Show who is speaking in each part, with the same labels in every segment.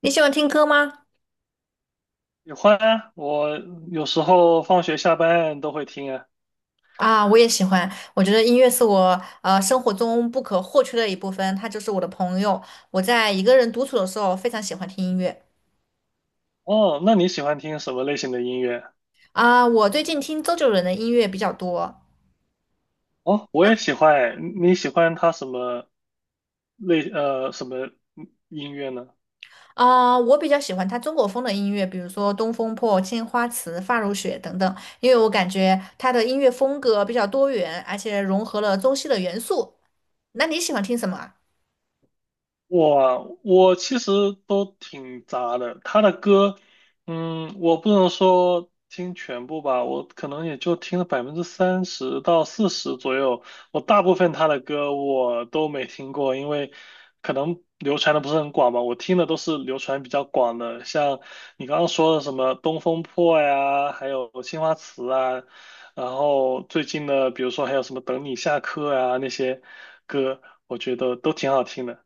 Speaker 1: 你喜欢听歌吗？
Speaker 2: 喜欢啊，我有时候放学下班都会听啊。
Speaker 1: 啊，我也喜欢。我觉得音乐是我生活中不可或缺的一部分，它就是我的朋友。我在一个人独处的时候，非常喜欢听音乐。
Speaker 2: 哦，那你喜欢听什么类型的音乐？
Speaker 1: 啊，我最近听周杰伦的音乐比较多。
Speaker 2: 哦，我也喜欢诶。你喜欢他什么什么音乐呢？
Speaker 1: 啊，我比较喜欢他中国风的音乐，比如说《东风破》《青花瓷》《发如雪》等等，因为我感觉他的音乐风格比较多元，而且融合了中西的元素。那你喜欢听什么啊。
Speaker 2: 我其实都挺杂的，他的歌，嗯，我不能说听全部吧，我可能也就听了30%到40%左右。我大部分他的歌我都没听过，因为可能流传的不是很广吧。我听的都是流传比较广的，像你刚刚说的什么《东风破》呀，还有《青花瓷》啊，然后最近的比如说还有什么《等你下课》啊那些歌，我觉得都挺好听的。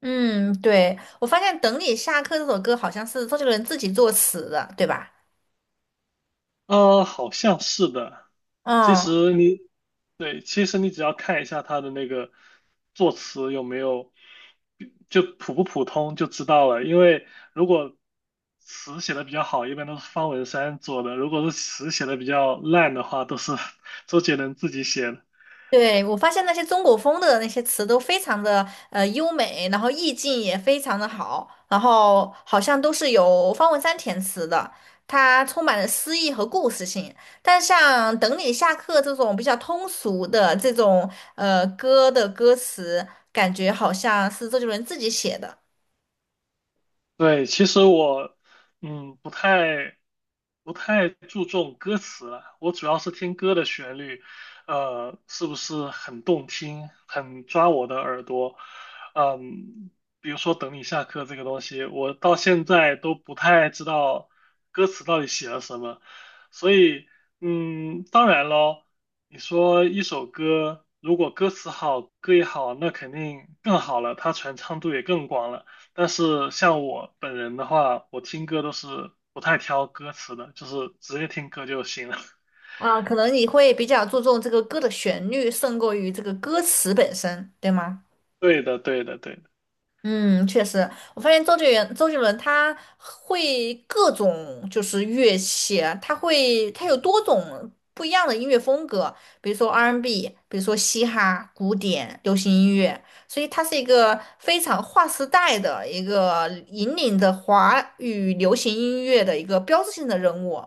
Speaker 1: 嗯，对，我发现《等你下课》这首歌好像是周杰伦自己作词的，对吧？
Speaker 2: 呃，好像是的。其
Speaker 1: 嗯，
Speaker 2: 实你，对，其实你只要看一下它的那个作词有没有，就普不普通就知道了。因为如果词写的比较好，一般都是方文山做的；如果是词写的比较烂的话，都是周杰伦 自己写的。
Speaker 1: 对，我发现那些中国风的那些词都非常的优美，然后意境也非常的好，然后好像都是由方文山填词的，它充满了诗意和故事性。但像《等你下课》这种比较通俗的这种歌的歌词，感觉好像是周杰伦自己写的。
Speaker 2: 对，其实我不太注重歌词了，我主要是听歌的旋律，呃，是不是很动听，很抓我的耳朵，嗯，比如说《等你下课》这个东西，我到现在都不太知道歌词到底写了什么，所以嗯，当然咯，你说一首歌如果歌词好，歌也好，那肯定更好了，它传唱度也更广了。但是像我本人的话，我听歌都是不太挑歌词的，就是直接听歌就行了。
Speaker 1: 啊，可能你会比较注重这个歌的旋律，胜过于这个歌词本身，对吗？
Speaker 2: 对的，对的，对的。
Speaker 1: 嗯，确实，我发现周杰伦，周杰伦他会各种就是乐器啊，他会他有多种不一样的音乐风格，比如说 R&B，比如说嘻哈、古典、流行音乐，所以他是一个非常划时代的一个引领着华语流行音乐的一个标志性的人物。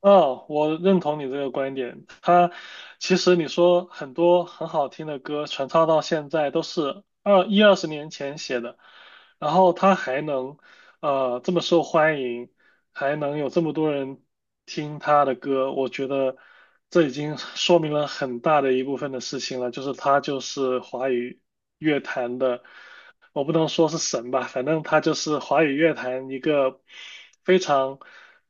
Speaker 2: 哦，我认同你这个观点。他其实你说很多很好听的歌传唱到现在都是20年前写的，然后他还能这么受欢迎，还能有这么多人听他的歌，我觉得这已经说明了很大的一部分的事情了，就是他就是华语乐坛的，我不能说是神吧，反正他就是华语乐坛一个非常。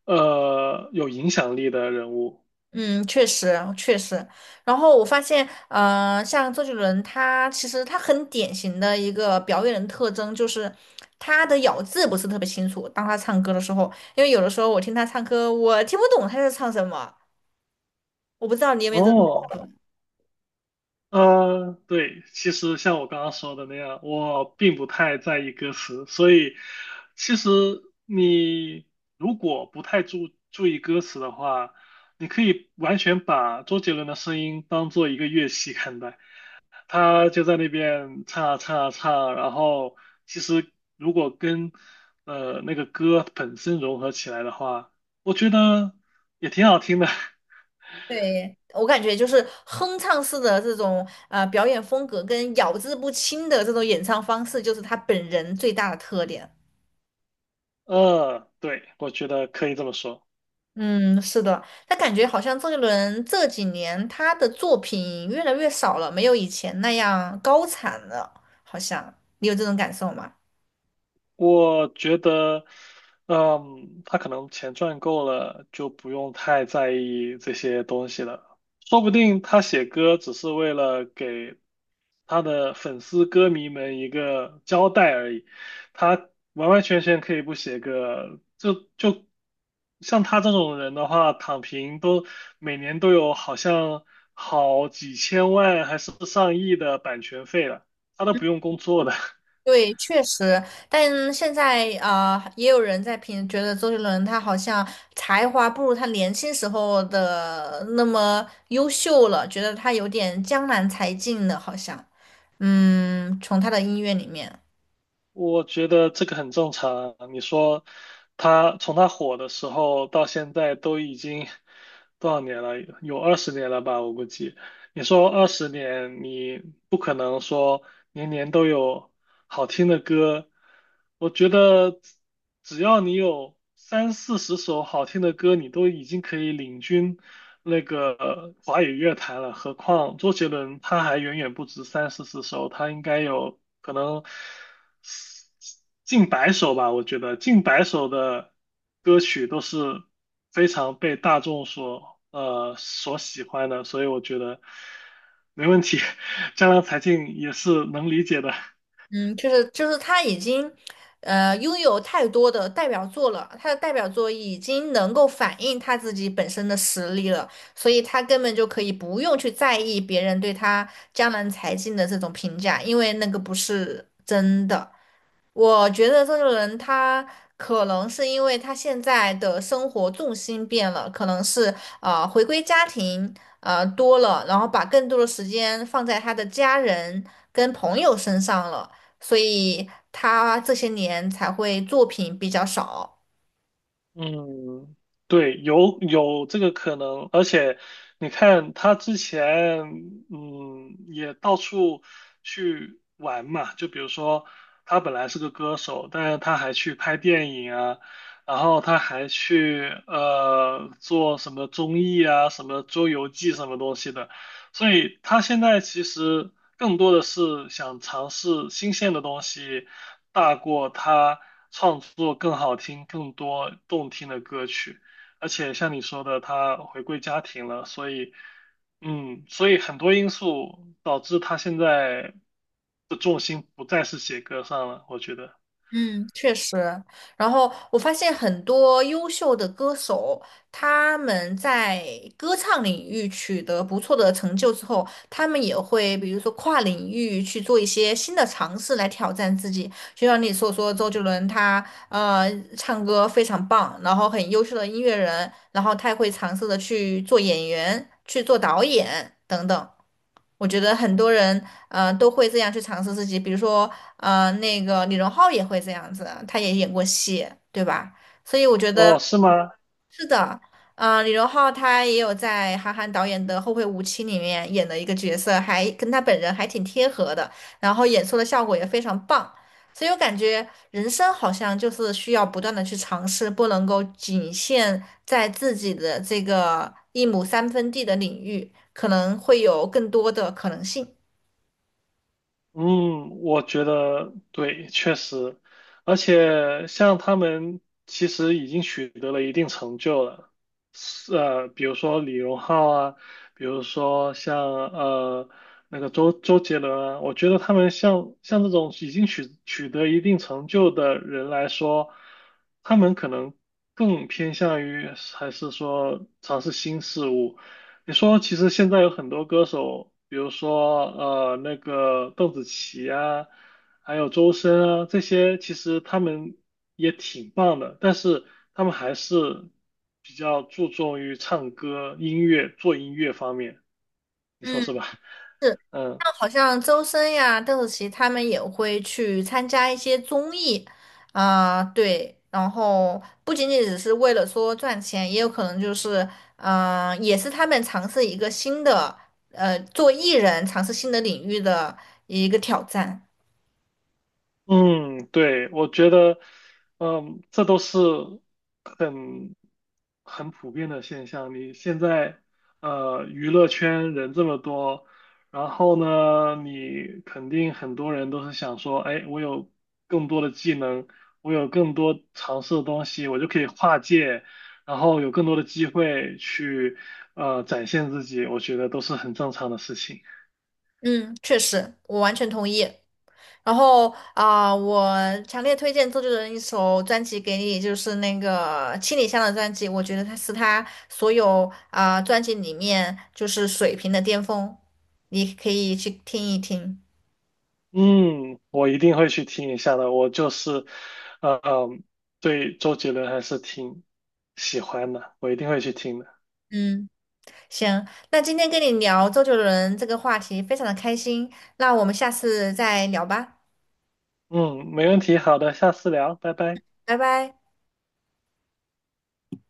Speaker 2: 呃，有影响力的人物。
Speaker 1: 嗯，确实确实。然后我发现，呃，像周杰伦他其实他很典型的一个表演的特征就是他的咬字不是特别清楚。当他唱歌的时候，因为有的时候我听他唱歌，我听不懂他在唱什么。我不知道你有没有这种感
Speaker 2: 哦，
Speaker 1: 受。
Speaker 2: 呃，对，其实像我刚刚说的那样，我并不太在意歌词，所以其实你如果不太注意歌词的话，你可以完全把周杰伦的声音当做一个乐器看待，他就在那边唱啊唱啊唱啊然后其实如果跟呃那个歌本身融合起来的话，我觉得也挺好听的。
Speaker 1: 对，我感觉就是哼唱式的这种表演风格跟咬字不清的这种演唱方式，就是他本人最大的特点。
Speaker 2: 呃，对，我觉得可以这么说。
Speaker 1: 嗯，是的，他感觉好像周杰伦这几年他的作品越来越少了，没有以前那样高产了，好像你有这种感受吗？
Speaker 2: 我觉得，嗯，他可能钱赚够了，就不用太在意这些东西了。说不定他写歌只是为了给他的粉丝歌迷们一个交代而已，他完完全全可以不写歌，就像他这种人的话，躺平都每年都有好像好几千万还是上亿的版权费了，他都不用工作的。
Speaker 1: 对，确实，但现在啊、呃也有人在评，觉得周杰伦他好像才华不如他年轻时候的那么优秀了，觉得他有点江南才尽了，好像，嗯，从他的音乐里面。
Speaker 2: 我觉得这个很正常啊。你说他从他火的时候到现在都已经多少年了？有二十年了吧，我估计。你说二十年，你不可能说年年都有好听的歌。我觉得只要你有三四十首好听的歌，你都已经可以领军那个华语乐坛了。何况周杰伦他还远远不止三四十首，他应该有可能近百首吧，我觉得近百首的歌曲都是非常被大众所喜欢的，所以我觉得没问题。江郎才尽也是能理解的。
Speaker 1: 嗯，就是就是他已经，呃，拥有太多的代表作了，他的代表作已经能够反映他自己本身的实力了，所以他根本就可以不用去在意别人对他江南才尽的这种评价，因为那个不是真的。我觉得这个人他可能是因为他现在的生活重心变了，可能是回归家庭多了，然后把更多的时间放在他的家人跟朋友身上了。所以他这些年才会作品比较少。
Speaker 2: 嗯，对，有这个可能，而且你看他之前，嗯，也到处去玩嘛，就比如说他本来是个歌手，但是他还去拍电影啊，然后他还去做什么综艺啊，什么周游记什么东西的。所以他现在其实更多的是想尝试新鲜的东西，大过他创作更好听、更多动听的歌曲。而且像你说的，他回归家庭了，所以，嗯，所以很多因素导致他现在的重心不再是写歌上了，我觉得。
Speaker 1: 嗯，确实。然后我发现很多优秀的歌手，他们在歌唱领域取得不错的成就之后，他们也会比如说跨领域去做一些新的尝试来挑战自己。就像你所说，周杰伦他呃唱歌非常棒，然后很优秀的音乐人，然后他也会尝试的去做演员、去做导演等等。我觉得很多人，呃，都会这样去尝试自己。比如说，呃，那个李荣浩也会这样子，他也演过戏，对吧？所以我觉得
Speaker 2: 哦，是吗？
Speaker 1: 是的，呃，李荣浩他也有在韩寒导演的《后会无期》里面演的一个角色，还跟他本人还挺贴合的，然后演出的效果也非常棒。所以我感觉人生好像就是需要不断的去尝试，不能够仅限在自己的这个一亩三分地的领域，可能会有更多的可能性。
Speaker 2: 嗯，我觉得对，确实，而且像他们其实已经取得了一定成就了，比如说李荣浩啊，比如说像呃那个周杰伦啊，我觉得他们像这种已经取得一定成就的人来说，他们可能更偏向于还是说尝试新事物。你说，其实现在有很多歌手，比如说那个邓紫棋啊，还有周深啊，这些其实他们也挺棒的，但是他们还是比较注重于唱歌、音乐、做音乐方面，你说
Speaker 1: 嗯。
Speaker 2: 是吧？
Speaker 1: 是。
Speaker 2: 嗯。
Speaker 1: 那好像周深呀、邓紫棋他们也会去参加一些综艺，啊、对，然后不仅仅只是为了说赚钱，也有可能就是，嗯、也是他们尝试一个新的，呃，做艺人尝试新的领域的一个挑战。
Speaker 2: 嗯，对，我觉得，嗯，这都是很很普遍的现象。你现在，呃，娱乐圈人这么多，然后呢，你肯定很多人都是想说，哎，我有更多的技能，我有更多尝试的东西，我就可以跨界，然后有更多的机会去，呃，展现自己，我觉得都是很正常的事情。
Speaker 1: 嗯，确实，我完全同意。然后啊、我强烈推荐周杰伦一首专辑给你，就是那个《七里香》的专辑，我觉得它是他所有啊、专辑里面就是水平的巅峰，你可以去听一听。
Speaker 2: 嗯，我一定会去听一下的。我就是，呃嗯，对周杰伦还是挺喜欢的，我一定会去听的。
Speaker 1: 嗯，行，那今天跟你聊周杰伦这个话题非常的开心，那我们下次再聊吧，
Speaker 2: 嗯，没问题，好的，下次聊，拜拜。
Speaker 1: 拜拜。